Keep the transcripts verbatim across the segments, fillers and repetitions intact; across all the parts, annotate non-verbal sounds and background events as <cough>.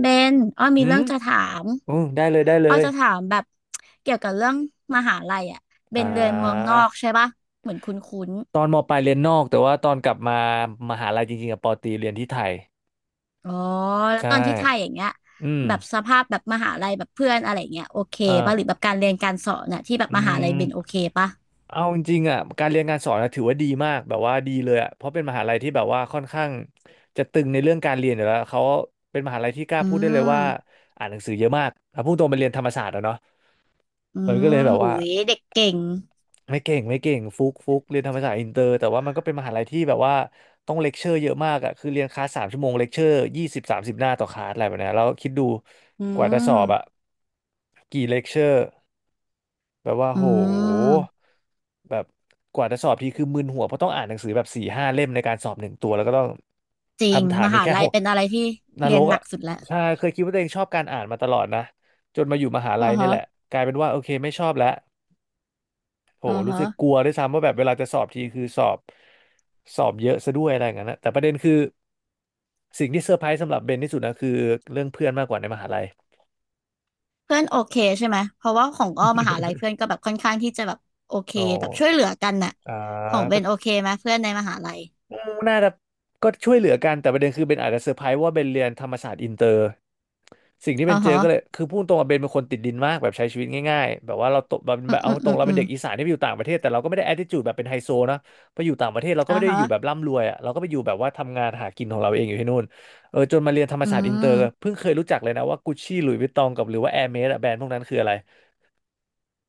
เบนอ้ออืมีเรื่มองจะถามอืมได้เลยได้เลอ้อยจะถามแบบเกี่ยวกับเรื่องมหาลัยอ่ะเบอ่านเรียนเมืองนอกใช่ปะเหมือนคุ้นตอนมปลายเรียนนอกแต่ว่าตอนกลับมามหาลัยจริงๆกับปอตรีเรียนที่ไทยๆอ๋อแล้วใช่ตอนที่ไทยอย่างเงี้ยอืมแบบสภาพแบบมหาลัยแบบเพื่อนอะไรอย่างเงี้ยโอเคเอาปะหรือแบบการเรียนการสอนน่ะที่แบอบอืมหาลัยมเบนโอเคปะเอาจริงๆอ่ะการเรียนการสอนอะถือว่าดีมากแบบว่าดีเลยอ่ะเพราะเป็นมหาลัยที่แบบว่าค่อนข้างจะตึงในเรื่องการเรียนอยู่แล้วเขาเป็นมหาลัยที่กล้าอืพูดได้เลยมว่าอ่านหนังสือเยอะมากถ้าพูดตรงไปเรียนธรรมศาสตร์อะเนาะอืมันก็มเลยแบบอุ้ว่า ยเด็กเก่งไม่เก่งไม่เก่งฟุกฟุกเรียนธรรมศาสตร์อินเตอร์แต่ว่ามันก็เป็นมหาลัยที่แบบว่าต้องเลคเชอร์เยอะมากอ่ะคือเรียนคลาสสามชั่วโมงเลคเชอร์ยี่สิบสามสิบหน้าต่อคลาสอะไรแบบเนี้ยแล้วคิดดูอืกว่าจะสอบอ่ะมกี่เลคเชอร์แบบว่าอืโหมแบบกว่าจะสอบทีคือมึนหัวเพราะต้องอ่านหนังสือแบบสี่ห้าเล่มในการสอบหนึ่งตัวแล้วก็ต้องจริงคำถามมมีหาแค่โหลัยกเป็นอะไรที่นเรีรยนกหนัอ่ะกสุดแล้วใช่เคยคิดว่าตัวเองชอบการอ่านมาตลอดนะจนมาอยู่มหาอืลัยอนี่ฮะแหละกลายเป็นว่าโอเคไม่ชอบแล้ว โหอือรู้ฮะ สึกกลัวด้วยซ้ำว่าแบบเวลาจะสอบทีคือสอบสอบเยอะซะด้วยอะไรอย่างนั้นนะแต่ประเด็นคือสิ่งที่เซอร์ไพรส์สำหรับเบนที่สุดนะคือเรื่องเพื่อนมากกว่าในมหาลัยเพื่อนโอเคใช่ไหม เพราะว่าของอ้อมหาลัยเพื่อนก็แบบค่อนข้างที่จะแบบโอเคอ๋แบบช่วยอเหลือกันน่ะอ่าของเบก็ นโอเคไหมเพื่อนในมหาลัยอืมน่าจะก็ช่วยเหลือกันแต่ประเด็นคือเบนอาจจะเซอร์ไพรส์ว่าเบนเรียนธรรมศาสตร์อินเตอร์สิ่งที่เบอ๋อนเจอฮะก็เลยคือพูดตรงว่าเบนเป็นคนติดดินมากแบบใช้ชีวิตง่ายๆแบบว่าเราโตแบบอืแบมบเอาอืมตรอืงมเราอืเป็นมเด็กอีสานที่ไปอยู่ต่างประเทศแต่เราก็ไม่ได้ attitude แบบเป็นไฮโซนะไปอยู่ต่างประเทศเราก็อ๋อไม่ได้ฮะอยู่แบบร่ำรวยอ่ะเราก็ไปอยู่แบบว่าทำงานหากินของเราเองอยู่ที่นู่นเออจนมาเรียนธรรมอืศาสตร์อินเตอร์มเพิ่งเคยรู้จักเลยนะว่ากุชชี่หลุยส์วิตตองกับหรือว่าแอร์เมสอะแบรนด์พวกนั้นคืออะไร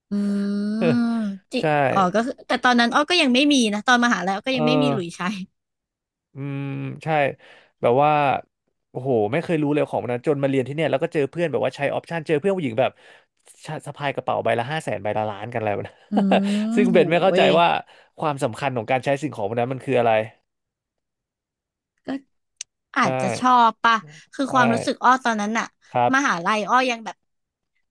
อืม <laughs> จิใช่อ๋อก็คือแต่ตอนนั้นอ้อก็ยังไม่มีนะตอนมหาลัยอ้อก็เออ ยังไม่มีหลุยส์ใช้อืมใช่แบบว่าโอ้โหไม่เคยรู้เลยของมันนะจนมาเรียนที่เนี่ยแล้วก็เจอเพื่อนแบบว่าใช้ออปชันเจอเพื่อนผู้หญิงแบบชะสะพายกระเป๋าใบละห้าแสนใบละล้านกันอะไรแบบนั้น อื <laughs> มซึ่งโหเบนไม่เข้าใจย ว่าความสำคัญของการใช้สิ่งของพวกนั้นมันคืออะไรอาใช่จจะชอบปะคือคใช่วามรู้สึกอ้อตอนนั้นน่ะครับมหาลัยอ้อยังแบบ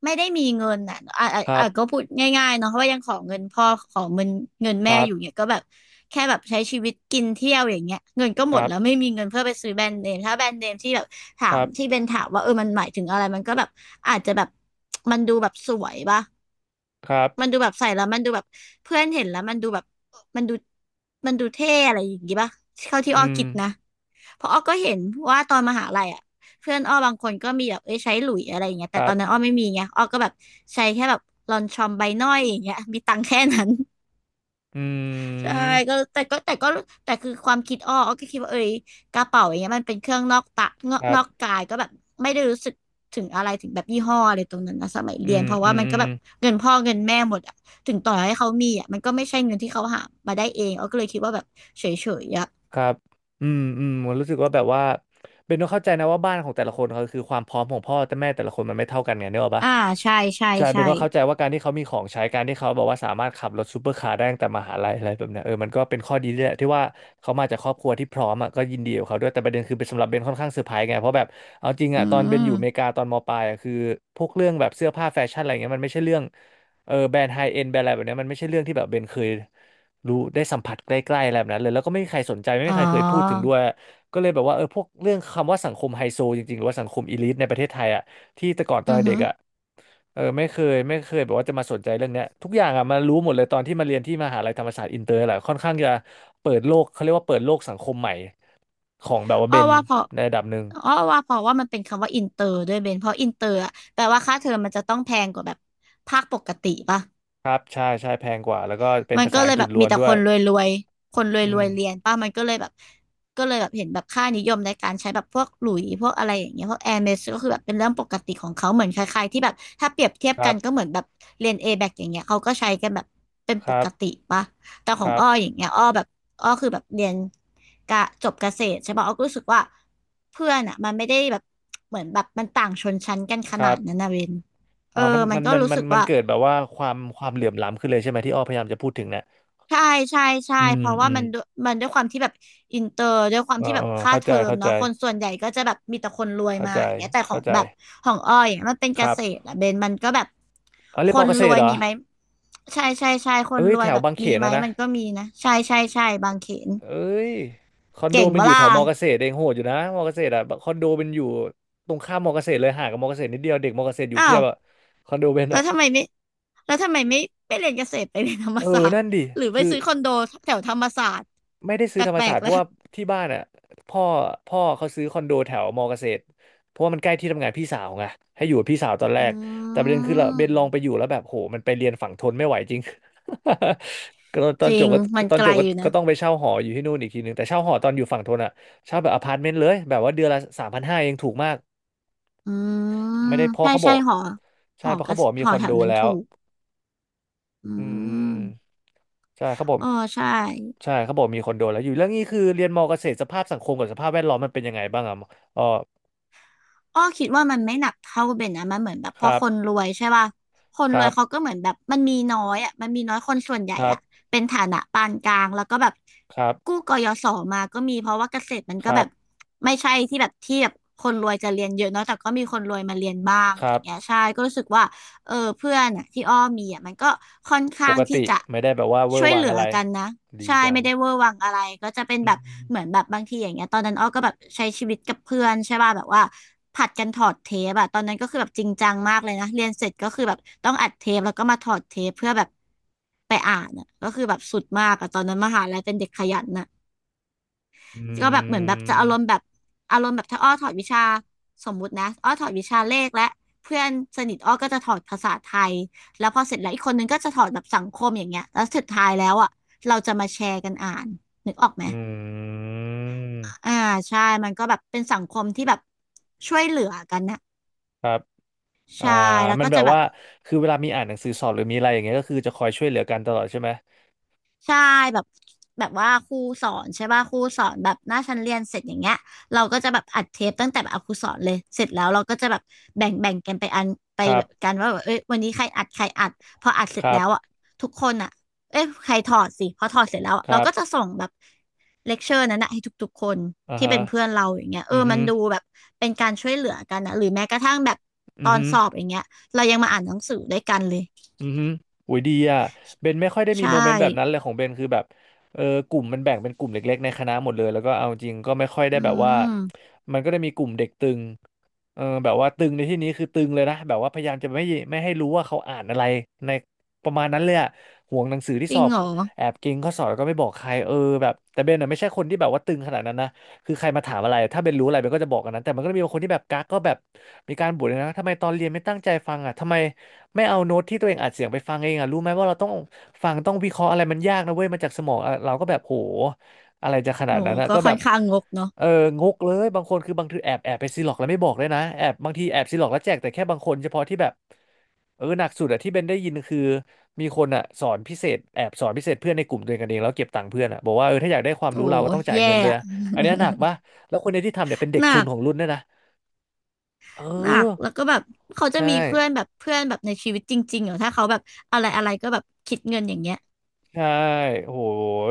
ไม่ได้มีเงินอะอ่ะอ่ะครัอ่ะก็บพูดง่ายๆเนาะเพราะว่ายังขอเงินพ่อขอเงินเงินคแม่รัอยู่เนี่ยบก็แบบแค่แบบใช้ชีวิตกินเที่ยวอย่างเงี้ยเงินก็คหมดรัแล้วไม่บมีเงินเพื่อไปซื้อแบรนด์เนมถ้าแบรนด์เนมที่แบบถาคมรัที่เบบนถามว่าเออมันหมายถึงอะไรมันก็แบบอาจจะแบบมันดูแบบสวยปะ ครัมันบดูแบบใส่แล้วมันดูแบบเพื่อนเห็นแล้วมันดูแบบมันดูมันดูเท่อะไรอย่างงี้ป่ะเท่าที่อือ้อมคิดนะเพราะอ้อก็เห็นว่าตอนมหาลัยอ่ะเพื่อนอ้อบางคนก็มีแบบเอ้ยใช้หลุยอะไรอย่างเงี้ยคแต่รัตอนนั้นอ้บอไม่มีไงอ้อก็แบบใช้แค่แบบลอนชอมใบหน้อยอย่างเงี้ยมีตังค์แค่นั้น อืใช่ก็มแต่ก็แต่ก็แต่คือความคิดอ้ออ้อก็คิดว่าเอ้ยกระเป๋าอย่างเงี้ยมันเป็นเครื่องนอกตะนอคกรันอกบกายก็แบบไม่ได้รู้สึกถึงอะไรถึงแบบยี่ห้ออะไรตรงนั้นนะสมัยอืเรียนมเพราะอืว่ามมันอืก็ม แบบเงินพ่อเงินแม่หมดอะถึงต่อให้เขามีอะมันก็ไม่ใช่เงินที่เขาหามาได้เองอ้อก็เลยคิดว่าแบบเฉยๆอะครับอืมอืมผมรู้สึกว่าแบบว่าเบนต้องเข้าใจนะว่าบ้านของแต่ละคนเขาคือความพร้อมของพ่อแต่แม่แต่ละคนมันไม่เท่ากันไงเนี่ยหรอกปะอ่าใช่ใช่ใช่เบใช่นก็เข้าใจว่าการที่เขามีของใช้การที่เขาบอกว่าสามารถขับรถซูเปอร์คาร์ได้ตั้งแต่มหาลัยอะไรแบบเนี้ยเออมันก็เป็นข้อดีด้วยแหละที่ว่าเขามาจากครอบครัวที่พร้อมอ่ะก็ยินดีกับเขาด้วยแต่ประเด็นคือเป็นสำหรับเบนค่อนข้างเซอร์ไพรส์ไงเพราะแบบเอาจริงอือ่ะตอนเบนอยู่อเมริมกาตอนมปลายอะคือพวกเรื่องแบบเสื้อผ้าแฟชั่นอะไรเงี้ยมันไม่ใช่เรื่องเออแบรนด์ไฮเอ็นแบรนด์อะไรแบบเนี้ยมันไม่ใช่เรื่องที่แบบเบนเคย รู้ได้สัมผัสใกล้ๆอะไรแบบนั้นเลยแล้วก็ไม่มีใครสนใจไม่อ๋มีใครเคยพูดถึงอด้วยก็เลยแบบว่าเออพวกเรื่องคำว่าสังคมไฮโซจริงๆหรือว่าสังคมอีลิทในประเทศไทยอ่ะที่แต่ก่อนตอนอือเด็หืกออ่ะเออไม่เคยไม่เคยแบบว่าจะมาสนใจเรื่องเนี้ยทุกอย่างอ่ะมารู้หมดเลยตอนที่มาเรียนที่มหาลัยธรรมศาสตร์อินเตอร์แหละค่อนข้างจะเปิดโลกเขาเรียกว่าเปิดโลกสังคมใหม่ของแบบว่าอ้เบอนว่าพอในระดับหนึ่งอ้อว่าเพราะว่ามันเป็นคำว่าอินเตอร์ด้วยเบนเพราะอินเตอร์อะแปลว่าค่าเทอมมันจะต้องแพงกว่าแบบภาคปกติป่ะ ครับใช่ใช่แพงกว่าแล้วก็เป็นมันภาก็ษาเลอังยกฤแบษบล้มีวนแต่ด้ควยนรวยๆคนรอืวยๆเรียนมป่ะมันก็เลยแบบก็เลยแบบเห็นแบบค่านิยมในการใช้แบบพวกหลุยส์พวกอะไรอย่างเงี้ยพวกแอร์เมสก็คือแบบเป็นเรื่องปกติของเขาเหมือนคล้ายๆที่แบบถ้าเปรียบเทียคบรักันก็บเหมือนแบบเรียน เอ แบกอย่างเงี้ยเขาก็ใช้กันแบบเป็นคปรักบติป่ะ แต่ขคองรับอ้ออย่างเงี้ยอ้อแบบอ้อคือแบบเรียนกะจบเกษตรใช่ป่ะอ้อก็รู้สึกว่าเพื่อนอ่ะมันไม่ได้แบบเหมือนแบบมันต่างชนชั้นกันขคนารัดนั้บ นนะเวนเออ่าอมันมันมันก็มันรู้มันสึกมันว่า เกิดแบบว่าความความเหลื่อมล้ำขึ้นเลยใช่ไหมที่อ้อพยายามจะพูดถึงเนี่ยใช่ใช่ใช่อืมเพราะอืว่ามมันด้วยมันด้วยความที่แบบอินเตอร์ด้วยความอ๋อที่แบอ๋บอค่าเข้าเทใจอมเข้าใจเนาะคนส่วนใหญ่ก็จะแบบมีแต่คนรวยเข้ามาใจอย่างเงี้ยแต่ขอเข้างใจแบบของอ้อยอย่างเงี้ยมันเป็นคเกรับษตรอะเบนมันก็แบบอ๋อเรีคยนมอนเกษรตวรยเหรอมีไหมใช่ใช่ใช่คนเอ้ยรแถวยวแบบบางเขมีนไหมนะนะมันก็มีนะใช่ใช่ใช่บางเขนเอ้ยคอนโดเก่งมัเวนอยู่แถล่าวมอเกษตรเองโหดอยู่นะมอเกษตรอ่ะคอนโดมันอยู่ตรงข้ามมอเกษตรเลยห่างกับมอเกษตรนิดเดียวเด็กมอเกษตรอยู่อ้าเพียวบอ่ะคอนโดเป็นแล้วอ่ะทำไมไม่แล้วทำไมไม่ไปเรียนเกษตรไปเรียนธรรมเอศาอสตร์นั่นดิหรือไปคือ ซื้อคอนโดแถวธรรมศาสตร์ไม่ได้แปซื้อธรรมลศากสตๆร์เพแล้วราะว่าที่บ้านอ่ะพ่อพ่อเขาซื้อคอนโดแถวมอเกษตรเพราะว่ามันใกล้ที่ทำงานพี่สาวไงให้อยู่กับพี่สาวตอนแรอกแต่ืประเด็นคือเราเบนลองไปอมยู่แล้วแบบโหมันไปเรียนฝั่งทนไม่ไหวจริง <laughs> ก็ตอจนริจบงก็มันตอนไกจลบก็อยู่ก็นะ ต้องไปเช่าหออยู่ที่นู่นอีกทีหนึ่งแต่เช่าหอตอนอยู่ฝั่งทนอ่ะเช่าแบบอพาร์ตเมนต์เลยแบบว่าเดือนละสามพันห้าเองถูกมากอืมไม่ได้เพราะใช่เขาบอใช่กหอหใช่อเพราะกเขาระบอกมีหอคอนแถโดวนั้นแล้ถูวกอือืมอืมมใช่เขาบอก เออใช่ใช่เขาบอกมีคนโดนแล้วอยู่เรื่องนี้คือเรียนมอเกษตรสภาพสังคมกับสภาพแวดล้อมมันเป็นยังไงบ้างอ่ะอ๋ออ้อคิดว่ามันไม่หนักเท่าเบนนะมันเหมือนแบบคพอรับคนรวยใช่ป่ะคนครวรัยบเขาก็เหมือนแบบมันมีน้อยอ่ะมันมีน้อยคนส่วนใหญ่ครัอ่ะบเป็นฐานะปานกลางแล้วก็แบบครักู้บกยศมาก็มีเพราะว่าเกษตรมันคก็รัแบบบไม่ใช่ที่แบบที่แบบคนรวยจะเรียนเยอะเนาะแต่ก็มีคนรวยมาเรียนบ้างคอะไรอรับย่างเงี้ยใช่ก็รู้สึกว่า เออเพื่อนอ่ะที่อ้อมีอ่ะมันก็ค่อนปข้างกที่ติจะไม่ได้แบบว่าเวอช่วร์ยวัเหงลืออะไรกันนะดีใช่จังไม่ได้เวอร์วังอะไรก็จะเป็นอืแบบมเหมือนแบบบางทีอย่างเงี้ยตอนนั้นอ้อก็แบบใช้ชีวิตกับเพื่อนใช่ป่ะแบบว่าผัดกันถอดเทปอะตอนนั้นก็คือแบบจริงจังมากเลยนะเรียนเสร็จก็คือแบบต้องอัดเทปแล้วก็มาถอดเทปเพื่อแบบไปอ่านอะก็คือแบบสุดมากอะตอนนั้นมหาลัยเป็นเด็กขยันอะ อืก็แบบเหมือนแบบจะอารมณ์แบมบอารมณ์แบบถ้าอ้อถอดวิชาสมมุตินะอ้อถอดวิชาเลขและเพื่อนสนิทอ้อก็จะถอดภาษาไทยแล้วพอเสร็จแล้วอีกคนนึงก็จะถอดแบบสังคมอย่างเงี้ยแล้วสุดท้ายแล้วอ่ะเราจะมาแชร์กันอ่านนึกออกไหมอืมอ่าใช่มันก็แบบเป็นสังคมที่แบบช่วยเหลือกันนะครับอ่าใช่แล้วมัก็นแบจะบแบว่าบ คือเวลามีอ่านหนังสือสอบหรือมีอะไรอย่างเงี้ยก็คือจะคอยช่วยเหลือกันตลอดใช่ไหมใช่แบบแบบว่าครูสอนใช่ป่ะครูสอนแบบหน้าชั้นเรียนเสร็จอย่างเงี้ยเราก็จะแบบอัดเทปตั้งแต่แบบเอาครูสอนเลยเสร็จแล้วเราก็จะแบบแบ่งแบ่งกันไปอันไปครัแบบบกันว่าแบบเอ้ยวันนี้ใครอัดใครอัดพออัดเสร็คจรัแล้บวอ่ะทุกคนอ่ะเอ้ยใครถอดสิพอถอดเสร็จแล้วอะคเรารัก็จะบส่งแบบเลคเชอร์นั้นนะให้ทุกๆคนอ่าที่ฮะเป็นเพื่อนเราอย่างเงี้ยเออืออฮึมันดูแบบเป็นการช่วยเหลือกันนะหรือแม้กระทั่งแบบตอืออนฮึ สอบอย่างเงี้ยเรายังมาอ่านหนังสือด้วยกันเลยอือฮึโอ้ยดีอ่ะเบนไม่ค่อยได้มีใช่โมเมนต์แบบนั้นเลยของเบนคือแบบเออกลุ่มมันแบ่งเป็นกลุ่มเล็กๆในคณะหมดเลยแล้วก็เอาจริงก็ไม่ค่อยได้อืแบบว่ามมันก็ได้มีกลุ่มเด็กตึงเออแบบว่าตึงในที่นี้คือตึงเลยนะแบบว่าพยายามจะไม่ไม่ให้รู้ว่าเขาอ่านอะไรในประมาณนั้นเลยอ่ะห่วงหนังสือที่จสริองบเหรอ แอบเก่งข้อสอบแล้วก็ไม่บอกใครเออแบบแต่เบนอ่ะไม่ใช่คนที่แบบว่าตึงขนาดนั้นนะคือใครมาถามอะไรถ้าเบนรู้อะไรเบนก็จะบอกกันนั้นแต่มันก็จะมีบางคนที่แบบกักก็แบบมีการบ่นเลยนะทำไมตอนเรียนไม่ตั้งใจฟังอ่ะทำไม ไม่เอาโน้ตที่ตัวเองอัดเสียงไปฟังเองอ่ะรู้ไหมว่าเราต้องฟังต้องวิเคราะห์อะไรมันยากนะเว้ยมันจากสมองอ่ะเราก็แบบโหอะไรจะขนาโอ้ดนั้นอ่ะก็ก็แบค่อบนข้างงกเนาะเอองกเลยบางคนคือบางทีแอบแอบไปซีล็อกแล้วไม่บอกเลยนะแอบบางทีแอบซีล็อกแล้วแจกแต่แค่บางคนเฉพาะที่แบบเออหนักสุดอะที่เบนได้ยินคือมีคนอ่ะสอนพิเศษแอบสอนพิเศษเพื่อนในกลุ่มตัวเองกันเองแล้วเก็บตังค์เพื่อนอ่ะบอกว่าเออถ้าอยากได้ความโอ้รู้เราก็ต้องจ่ายแย่เงินด้วยอะนะอันเนี้ยหนักปะแล้วคนในที่ทำเนี่ยเป็นเด็กหทุนันกของรุ่นด้วยนะเอหนักอแล้วก็แบบเขาจะใช่ มีเพื่อนแบบเพื่อนแบบในชีวิตจริงๆเหรอถ้าเขาแบบอะไรอะไรก็แบบคิดเงินอย่างเงี้ยใช่โอ้โห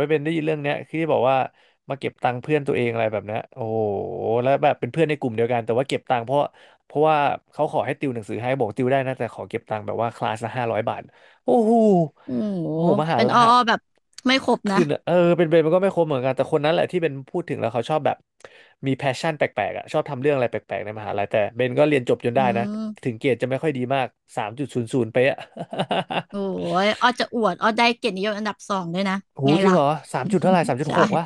เป็นได้ยินเรื่องเนี้ยคือที่บอกว่ามาเก็บตังค์เพื่อนตัวเองอะไรแบบเนี้ยโอ้โหแล้วแบบเป็นเพื่อนในกลุ่มเดียวกันแต่ว่าเก็บตังค์เพราะเพราะว่าเขาขอให้ติวหนังสือให้บอกติวได้นะแต่ขอเก็บตังค์แบบว่าคลาสละห้าร้อยบาทโอ้โหโอ้โหโอ้โหมหาเป็นละอ้อฮะอ้อแบบไม่ครบนะคือเออเป็นเบนมันก็ไม่คมเหมือนกันแต่คนนั้นแหละที่เป็นพูดถึงแล้วเขาชอบแบบมีแพชชั่นแปลกๆอ่ะชอบทำเรื่องอะไรแปลกๆในมหาลัยแต่เบนก็เรียนจบจนอืได้นะถึมงเกรดจะไม่ค่อยดีมากสามจุดศูนย์ศูนย์ไปอะ โอ้ยอ้อจะอวดอ้อได้เกียรตินิยมอันดับสองด้วยนะ <laughs> โอ้ไงโหจริงล่ะ เหรอสามจุดเท่าไหร่สามจุ <laughs> ดใช่หกวะ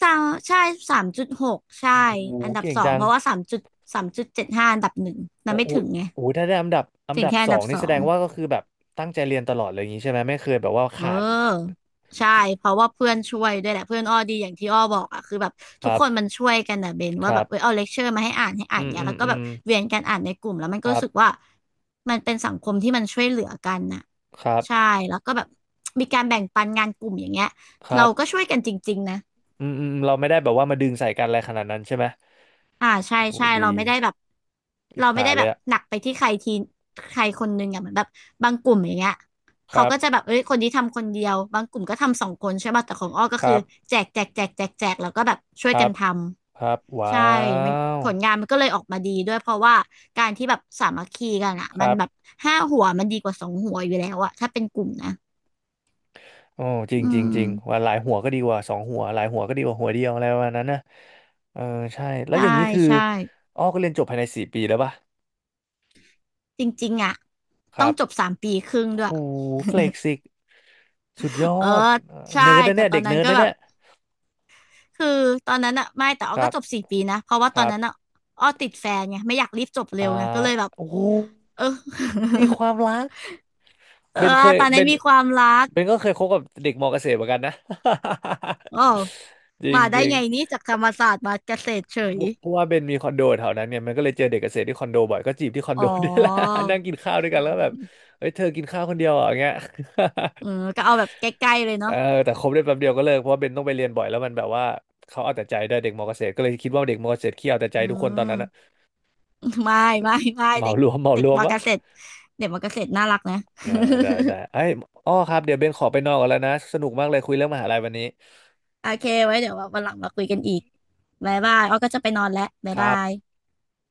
ใช่ใช่สามจุดหกใช่โอ้โหอันดับเก่งสองจัเพงราะว่าสามจุดสามจุดเจ็ดห้าอันดับหนึ่งมัแต่นไม่โอ้โหถึงไงโอ้โหถ้าได้อันดับอันถึงดับแค่สอันอดังบสนี่อแสดง งว่าก็คือแบบตั้งใจเรียนตลอดเลยอย่างนี้ใช่ไหมไม่เคยแบบว่าเขาดออใช่เพราะว่าเพื่อนช่วยด้วยแหละเพื่อนอ้อดีอย่างที่อ้อบอกอ่ะคือแบบคทุกรับคนมันช่วยกันนะเบนคว่าแบรับเออบเอาเลคเชอร์มาให้อ่านให้อ่าอืนมเนี้อืยมแล้วก็อืแบบมเวียนกันอ่านในกลุ่มแล้วมันก็ครัรู้สึกบว่ามันเป็นสังคมที่มันช่วยเหลือกันน่ะครับใช่แล้วก็แบบมีการแบ่งปันงานกลุ่มอย่างเงี้ยครัเราก็บช่วยกันจริงๆนะ อืมอืมอืมเราไม่ได้แบบว่ามาดึงใส่กันอะไรขนาดนั้นใช่ไหมอ่าใช่โหใช่เราดีไม่ได้แบบอิจเราไม่ฉาได้เลแบยบอะหนักไปที่ใครทีใครคนนึงอ่ะเหมือนแบบบางกลุ่มอย่างเงี้ยคเขารับก็จะแบบเอ้ยคนนี้ทำคนเดียวบางกลุ่มก็ทำสองคนใช่ป่ะแต่ของอ้อก็คคืรัอบแจกแจกแจกแจกแจกแล้วก็แบบช่ควยรักันบทครับำว้าใช่มันวผลงานมันก็เลยออกมาดีด้วยเพราะว่าการที่แบบสามัคคีกันอ่ะคมันรับแบบห้าหัวมันดีกว่าสองหัวอยู่แล้วอ่ะถ้าเป็นกลุ่มนะโอ้จริงอืจริงจริงว่ามหลายหัวก็ดีกว่าสองหัวหลายหัวก็ดีกว่าหัวเดียวอะไรประมาณนั้นนะเออใช่แล้วอใช่ย่างนี้คือใช่อ้อก็เรียนจบภายในสี่ปีแล้วป่ะ จริงๆอ่ะคต้อรังบจบสามปีครึ่งด้วย หูเฟล็กซิกสุดยอ <laughs> เออดเอ่อใช่เนิร์ดนะแต่เนี่ยตอเด็นกนั้เนินร์ดก็นะแบเนี่บ ยคือตอนนั้นอะไม่แต่อ้คอรัก็บจบสี่ปีนะเพราะว่าคตอนรันั้นอะบอ้อติดแฟนไงไม่อยากรีบจบอ่าเร็วไงก็เลยแบบโอ้โหเออ มีความรัก <laughs> เอเบอนเคยตอนเบนั้นนมีความรักเบนก็เคยคบกับเด็กมอเกษตรเหมือนกันนะ อ๋อ <laughs> จริงมาได้จริงไงนี่จากธรรมศาสตร์มาเกษตรเฉเพยราะเพราะว่าเบนมีคอนโดแถวนั้นเนี่ยมันก็เลยเจอเด็กเกษตรที่คอนโดบ่อยก็จีบที่คอนอ๋โด อ <laughs> ด้วยแหละ <laughs> นั่งกินข้าวด้วยกันแล้วแบบเฮ้ยเธอกินข้าวคนเดียวเหรออย่างเงี้ย เออก็เอาแบบใกล้ๆเลยเอเนาะอแต่คบได้แป๊บเดียวก็เลิกเพราะว่าเบนต้องไปเรียนบ่อยแล้วมันแบบว่าเขาเอาแต่ใจด้วยเด็กมอเกษตรก็เลยคิดว่าเด็กมอเกษตรขี้เอาแต่ใจอืทุกคนตอนม นั้นอะ <laughs> ไม่ไม่ไม่เหมาเด็กรวม <laughs> เหมาเด็กรวมมอวะเกษตรเด็กมอเกษตรน่ารักนะ เออได้ได้ <laughs> ไอ้ยอ้อครับเดี๋ยวเบนขอไปนอนก่อนแล้วนะสนุกมากเลยคุยเรื่องมหาลัยวันนี้โอเคไว้เดี๋ยววันหลังมาคุยกันอีกบ๊ายบายอ้อก็จะไปนอนแล้วบ๊าคยรับาบย